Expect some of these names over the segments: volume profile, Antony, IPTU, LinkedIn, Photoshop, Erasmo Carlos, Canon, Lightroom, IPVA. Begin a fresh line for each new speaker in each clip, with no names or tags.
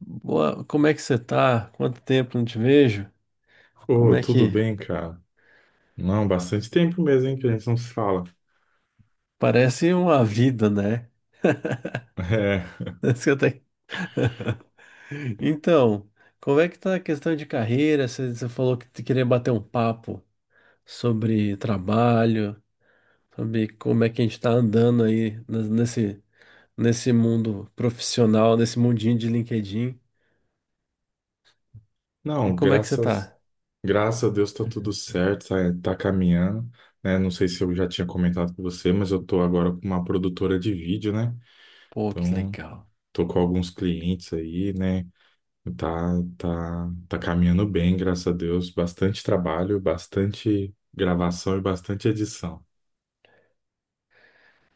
Boa, como é que você tá? Quanto tempo não te vejo? Como
Ô,
é
tudo
que
bem, cara? Não, bastante tempo mesmo, hein, que a gente não se fala.
Parece uma vida, né?
É,
Parece que eu tenho- Então, como é que tá a questão de carreira? Você falou que te queria bater um papo sobre trabalho, sobre como é que a gente tá andando aí nesse mundo profissional, nesse mundinho de LinkedIn. E
não,
como é que você
graças,
tá?
graças a Deus tá tudo certo, tá, tá caminhando, né? Não sei se eu já tinha comentado com você, mas eu tô agora com uma produtora de vídeo, né?
Pô, que
Então,
legal.
tô com alguns clientes aí, né? Tá, tá caminhando bem, graças a Deus. Bastante trabalho, bastante gravação e bastante edição.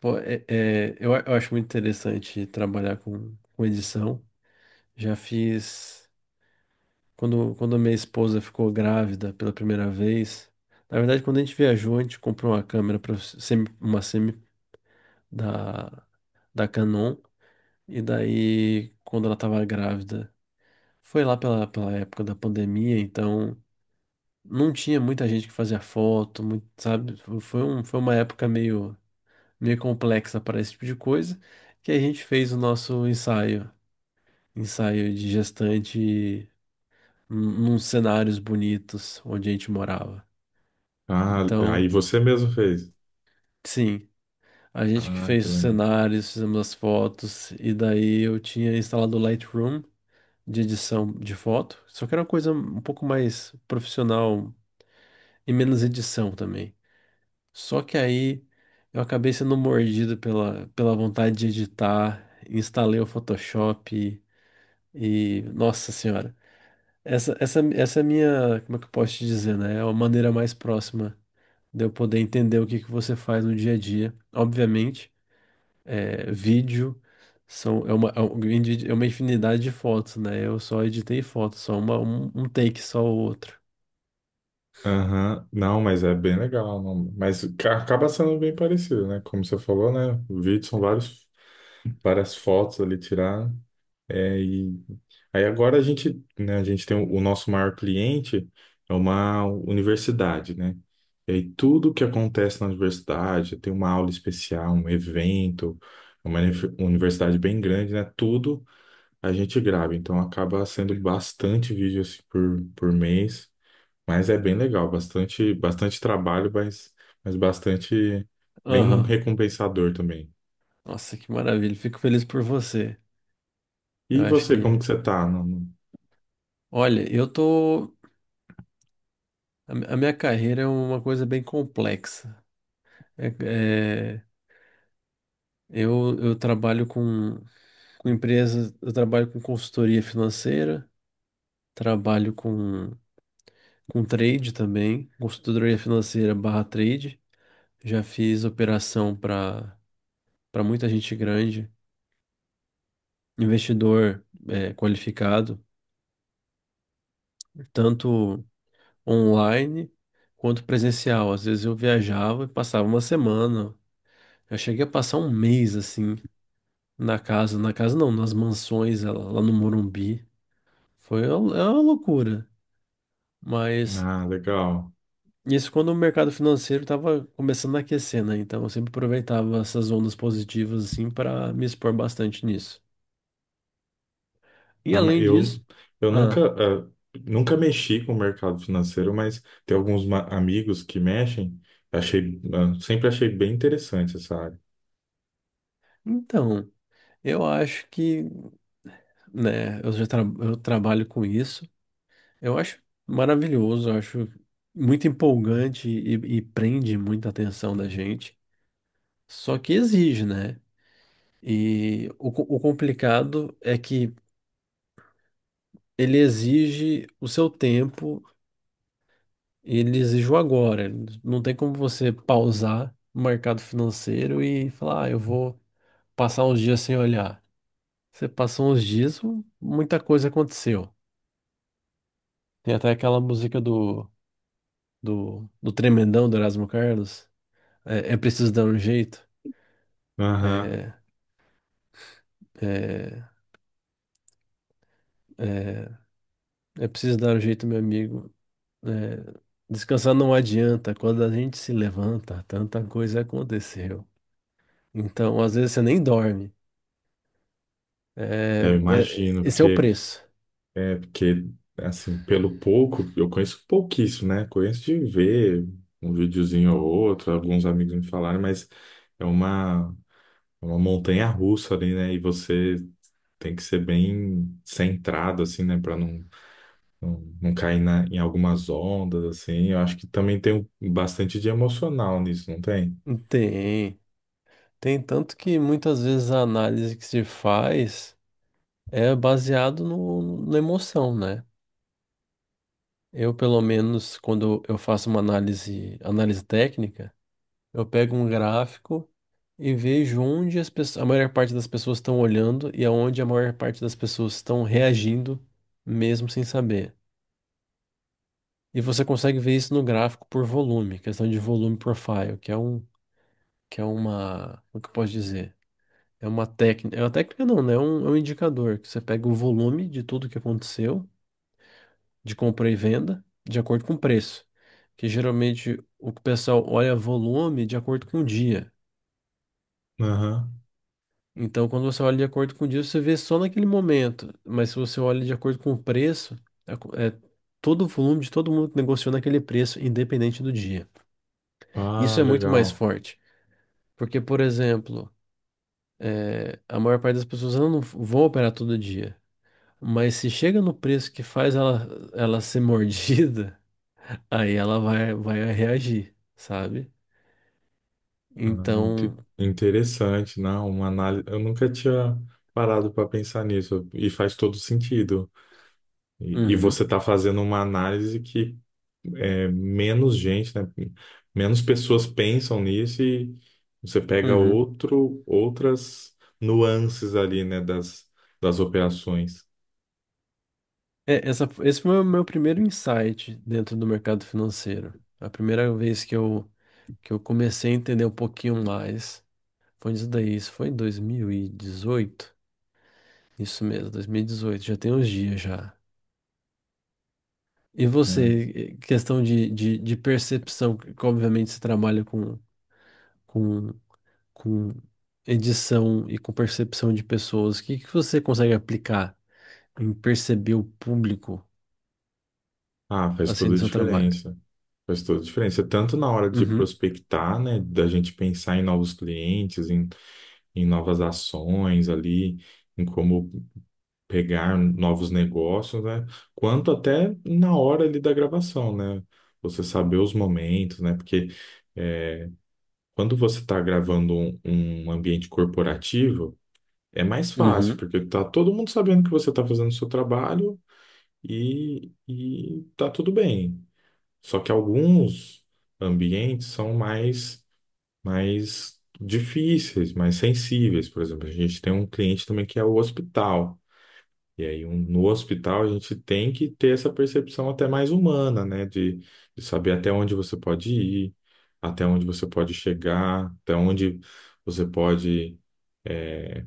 Pô, eu acho muito interessante trabalhar com edição. Já fiz. Quando a minha esposa ficou grávida pela primeira vez, na verdade, quando a gente viajou, a gente comprou uma câmera para uma semi da, da Canon, e daí, quando ela estava grávida, foi lá pela época da pandemia, então não tinha muita gente que fazia foto, muito, sabe? Foi uma época meio complexa para esse tipo de coisa, que a gente fez o nosso ensaio, ensaio de gestante num cenários bonitos onde a gente morava.
Ah, aí
Então,
você mesmo fez.
sim, a gente que
Ah,
fez
que
os
legal.
cenários, fizemos as fotos, e daí eu tinha instalado o Lightroom de edição de foto, só que era uma coisa um pouco mais profissional e menos edição também. Só que aí eu acabei sendo mordido pela vontade de editar, instalei o Photoshop e, nossa senhora, essa é a minha, como é que eu posso te dizer, né? É a maneira mais próxima de eu poder entender o que que você faz no dia a dia, obviamente. É, vídeo, são, é uma, é um grande- é uma infinidade de fotos, né? Eu só editei fotos, só uma, um take, só o outro.
Aham. Não, mas é bem legal. Não. Mas acaba sendo bem parecido, né? Como você falou, né? O vídeo são vários, várias fotos ali tirar. É, e aí agora a gente, né, a gente tem o nosso maior cliente é uma universidade, né? E aí tudo que acontece na universidade, tem uma aula especial, um evento, é uma universidade bem grande, né? Tudo a gente grava. Então acaba sendo bastante vídeo assim, por mês. Mas é bem legal, bastante, bastante trabalho, mas bastante bem
Aham.
recompensador também.
Nossa, que maravilha. Fico feliz por você. Eu
E
acho
você,
que.
como que você tá?
Olha, eu tô. A minha carreira é uma coisa bem complexa. É- é, eu trabalho com empresas, eu trabalho com consultoria financeira, trabalho com trade também, consultoria financeira barra trade. Já fiz operação para muita gente grande, investidor é qualificado, tanto online quanto presencial. Às vezes eu viajava e passava uma semana. Eu cheguei a passar um mês assim na casa não, nas mansões lá no Morumbi. É uma loucura, mas
Ah, legal.
isso quando o mercado financeiro estava começando a aquecer, né? Então eu sempre aproveitava essas ondas positivas assim para me expor bastante nisso. E
Ah, mas
além
eu,
disso,
eu
ah,
nunca, ah, nunca mexi com o mercado financeiro, mas tem alguns amigos que mexem. Achei, ah, sempre achei bem interessante essa área.
então, eu acho que, né? Eu trabalho com isso. Eu acho maravilhoso, eu acho muito empolgante e prende muita atenção da gente. Só que exige, né? E o complicado é que ele exige o seu tempo, e ele exige o agora. Não tem como você pausar o mercado financeiro e falar, ah, eu vou passar uns dias sem olhar. Você passou uns dias, muita coisa aconteceu. Tem até aquela música do tremendão do Erasmo Carlos. É, é preciso dar um jeito.
Aham.
É, é, é, é preciso dar um jeito, meu amigo. É, descansar não adianta. Quando a gente se levanta, tanta coisa aconteceu. Então, às vezes você nem dorme.
É, eu imagino,
Esse é o
porque
preço.
é, porque, assim, pelo pouco, eu conheço pouquíssimo, né? Conheço de ver um videozinho ou outro, alguns amigos me falaram, mas é uma, é uma montanha russa ali, né? E você tem que ser bem centrado, assim, né? Pra não, não cair na, em algumas ondas, assim. Eu acho que também tem bastante de emocional nisso, não tem?
Tem. Tem tanto que muitas vezes a análise que se faz é baseado no, na emoção, né? Eu, pelo menos, quando eu faço uma análise, análise técnica, eu pego um gráfico e vejo onde as pessoas, a maior parte das pessoas estão olhando e aonde a maior parte das pessoas estão reagindo, mesmo sem saber. E você consegue ver isso no gráfico por volume, questão de volume profile, que é um, que é uma, como que eu posso dizer? É uma técnica não, né? É um indicador que você pega o volume de tudo que aconteceu, de compra e venda, de acordo com o preço. Que geralmente o pessoal olha volume de acordo com o dia.
Aham.
Então, quando você olha de acordo com o dia, você vê só naquele momento. Mas se você olha de acordo com o preço, é todo o volume de todo mundo que negociou naquele preço, independente do dia.
Ah,
Isso é muito mais
legal.
forte. Porque, por exemplo, a maior parte das pessoas elas não vão operar todo dia. Mas se chega no preço que faz ela, ser mordida, aí ela vai reagir, sabe? Então,
Interessante, não, uma análise. Eu nunca tinha parado para pensar nisso e faz todo sentido. E
uhum,
você está fazendo uma análise que é, menos gente, né? Menos pessoas pensam nisso e você pega
uhum.
outro, outras nuances ali, né? Das, das operações.
É, esse foi o meu primeiro insight dentro do mercado financeiro. A primeira vez que eu comecei a entender um pouquinho mais foi isso daí. Isso foi em 2018, isso mesmo, 2018, já tem uns dias já. E
Né?
você, questão de percepção, que obviamente você trabalha com, com edição e com percepção de pessoas, o que você consegue aplicar em perceber o público
Ah, faz
assim no
toda a
seu trabalho?
diferença. Faz toda a diferença, tanto na hora de
Uhum,
prospectar, né? Da gente pensar em novos clientes, em, em novas ações ali em como pegar novos negócios, né? Quanto até na hora ali da gravação, né? Você saber os momentos, né? Porque quando você está gravando um, um ambiente corporativo, é mais fácil,
uhum,
porque tá todo mundo sabendo que você está fazendo o seu trabalho e tá tudo bem. Só que alguns ambientes são mais, mais difíceis, mais sensíveis. Por exemplo, a gente tem um cliente também que é o hospital. E aí, no hospital, a gente tem que ter essa percepção até mais humana, né? De saber até onde você pode ir, até onde você pode chegar, até onde você pode, é,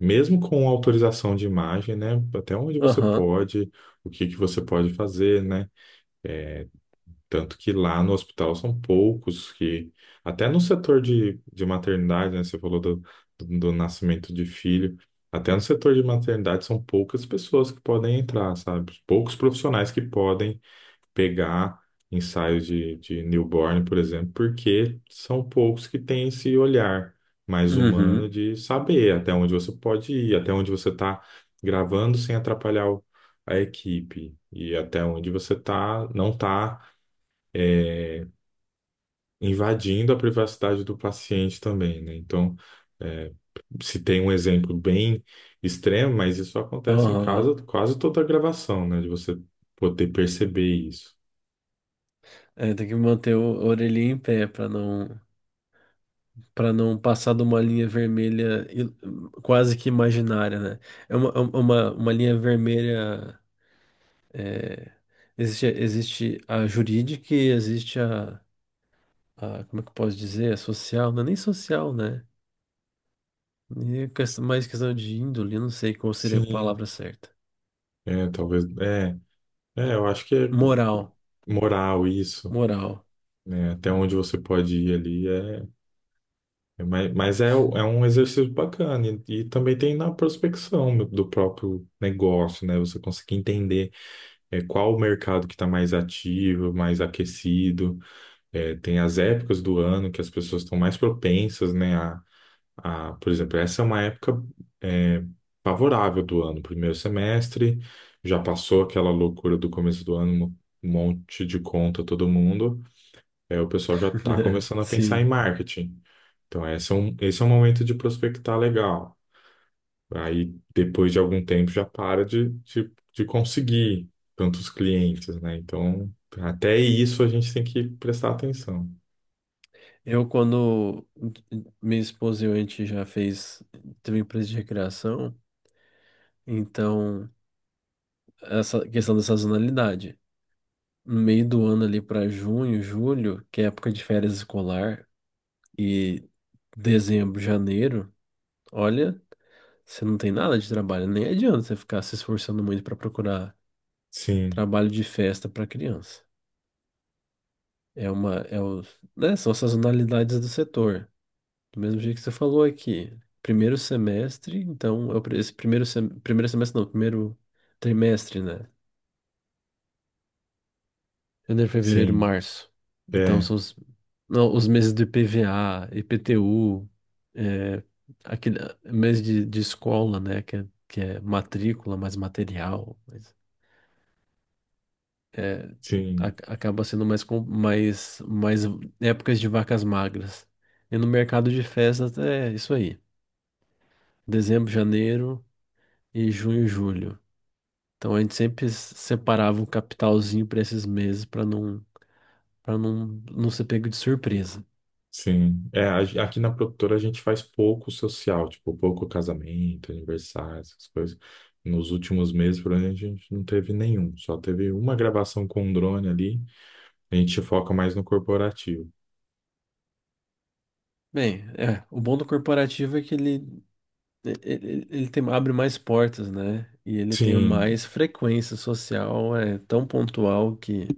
mesmo com autorização de imagem, né? Até onde você
aham.
pode, o que que você pode fazer, né? Tanto que lá no hospital são poucos que, até no setor de maternidade, né? Você falou do, do nascimento de filho, até no setor de maternidade são poucas pessoas que podem entrar, sabe? Poucos profissionais que podem pegar ensaios de newborn, por exemplo, porque são poucos que têm esse olhar mais humano
Uhum.
de saber até onde você pode ir, até onde você está gravando sem atrapalhar a equipe e até onde você tá, não está invadindo a privacidade do paciente também, né? Então, é, se tem um exemplo bem extremo, mas isso acontece em casa
Aham.
quase toda a gravação, né? De você poder perceber isso.
É, tem que manter o a orelhinha em pé para não passar de uma linha vermelha quase que imaginária, né? É uma linha vermelha. Existe a jurídica e existe como é que eu posso dizer? A social, não é nem social, né? E mais questão de índole, eu não sei qual seria a
Sim,
palavra certa.
é, talvez, é, é, eu acho que é
Moral,
moral isso,
moral.
né? Até onde você pode ir ali é, é mas é, é um exercício bacana e também tem na prospecção do próprio negócio, né? Você conseguir entender é, qual o mercado que está mais ativo, mais aquecido. É, tem as épocas do ano que as pessoas estão mais propensas, né? A, por exemplo, essa é uma época é, favorável do ano, primeiro semestre, já passou aquela loucura do começo do ano, um monte de conta todo mundo, é, o pessoal já está começando a pensar em
Sim.
marketing. Então, esse é um momento de prospectar legal. Aí, depois de algum tempo, já para de conseguir tantos clientes, né? Então, até isso a gente tem que prestar atenção.
Quando minha esposa e eu, a gente já fez, teve empresa de recreação, então essa questão da sazonalidade. No meio do ano ali para junho, julho, que é época de férias escolar, e dezembro, janeiro, olha, você não tem nada de trabalho, nem adianta você ficar se esforçando muito para procurar
Sim,
trabalho de festa para criança. É uma, é o, né, são as sazonalidades do setor. Do mesmo jeito que você falou aqui, primeiro semestre, então, é o esse primeiro, primeiro semestre não, primeiro trimestre, né? Janeiro, fevereiro,
sim,
março. Então,
é,
são os, não, os meses do IPVA, IPTU, é, aquele mês de escola, né? Que é matrícula, mais material, mas, é, a-
sim,
acaba sendo mais, mais, mais épocas de vacas magras. E no mercado de festas é isso aí. Dezembro, janeiro e junho, julho. Então a gente sempre separava um capitalzinho para esses meses para não ser pego de surpresa.
sim. É, aqui na produtora a gente faz pouco social, tipo, pouco casamento, aniversário, essas coisas. Nos últimos meses, por exemplo, a gente não teve nenhum, só teve uma gravação com um drone ali. A gente foca mais no corporativo.
Bem, o bom do corporativo é que ele tem, abre mais portas, né? E ele tem
Sim,
mais frequência social, é tão pontual que,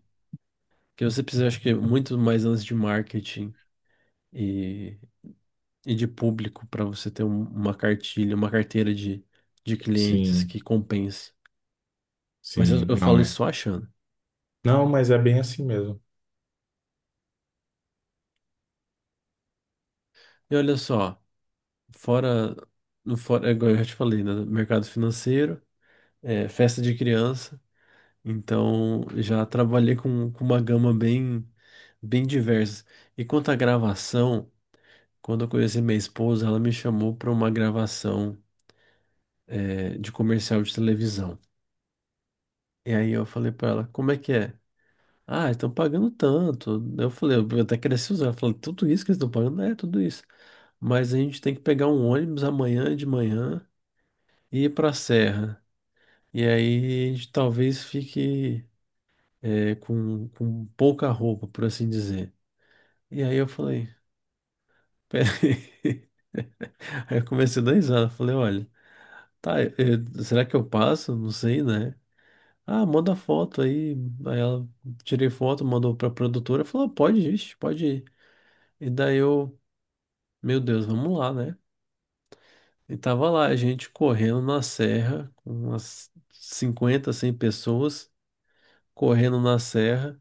que você precisa, acho que, muito mais antes de marketing e, e de público para você ter uma cartilha, uma carteira de clientes
sim,
que compense. Mas eu,
sim,
eu
não
falo
é.
isso só achando.
Não, mas é bem assim mesmo.
E olha só. Fora, no fora, é igual eu já te falei, né? Mercado financeiro, festa de criança. Então, já trabalhei com uma gama bem, bem diversa. E quanto à gravação, quando eu conheci minha esposa, ela me chamou para uma gravação, de comercial de televisão. E aí eu falei para ela, como é que é? Ah, estão pagando tanto. Eu falei, eu até cresci usar. Ela falou, tudo isso que eles estão pagando? É, tudo isso. Mas a gente tem que pegar um ônibus amanhã de manhã e ir para a serra. E aí a gente talvez fique com pouca roupa, por assim dizer. E aí eu falei, peraí. Aí eu comecei a dar risada, falei, olha, tá, será que eu passo? Não sei, né? Ah, manda foto aí. Aí ela tirei foto, mandou pra produtora, falou, "Ah, pode ir, ixi, pode ir." E daí eu, meu Deus, vamos lá, né? E tava lá, a gente correndo na serra, com umas 50 100 pessoas, correndo na serra.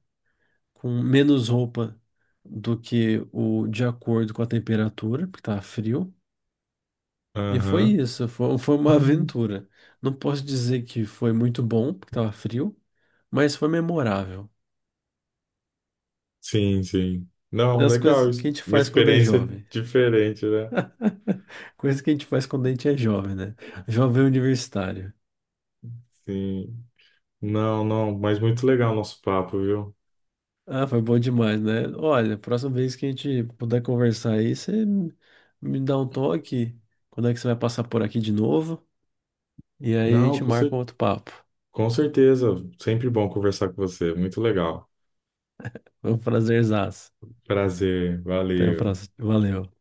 Com menos roupa do que o de acordo com a temperatura, porque estava frio. E foi
Aham.
isso, foi uma aventura. Não posso dizer que foi muito bom, porque estava frio, mas foi memorável.
Sim, sim.
É,
Não,
as
legal.
coisas que a gente
Uma
faz quando é
experiência
jovem.
diferente, né?
Coisas que a gente faz quando a gente é jovem, né? Jovem universitário.
Sim. Não, não, mas muito legal o nosso papo, viu?
Ah, foi bom demais, né? Olha, próxima vez que a gente puder conversar aí, você me dá um toque. Quando é que você vai passar por aqui de novo? E aí a
Não,
gente marca um outro papo.
com certeza. Sempre bom conversar com você. Muito legal.
Foi um prazerzaço.
Prazer.
Até a
Valeu.
próxima. Valeu.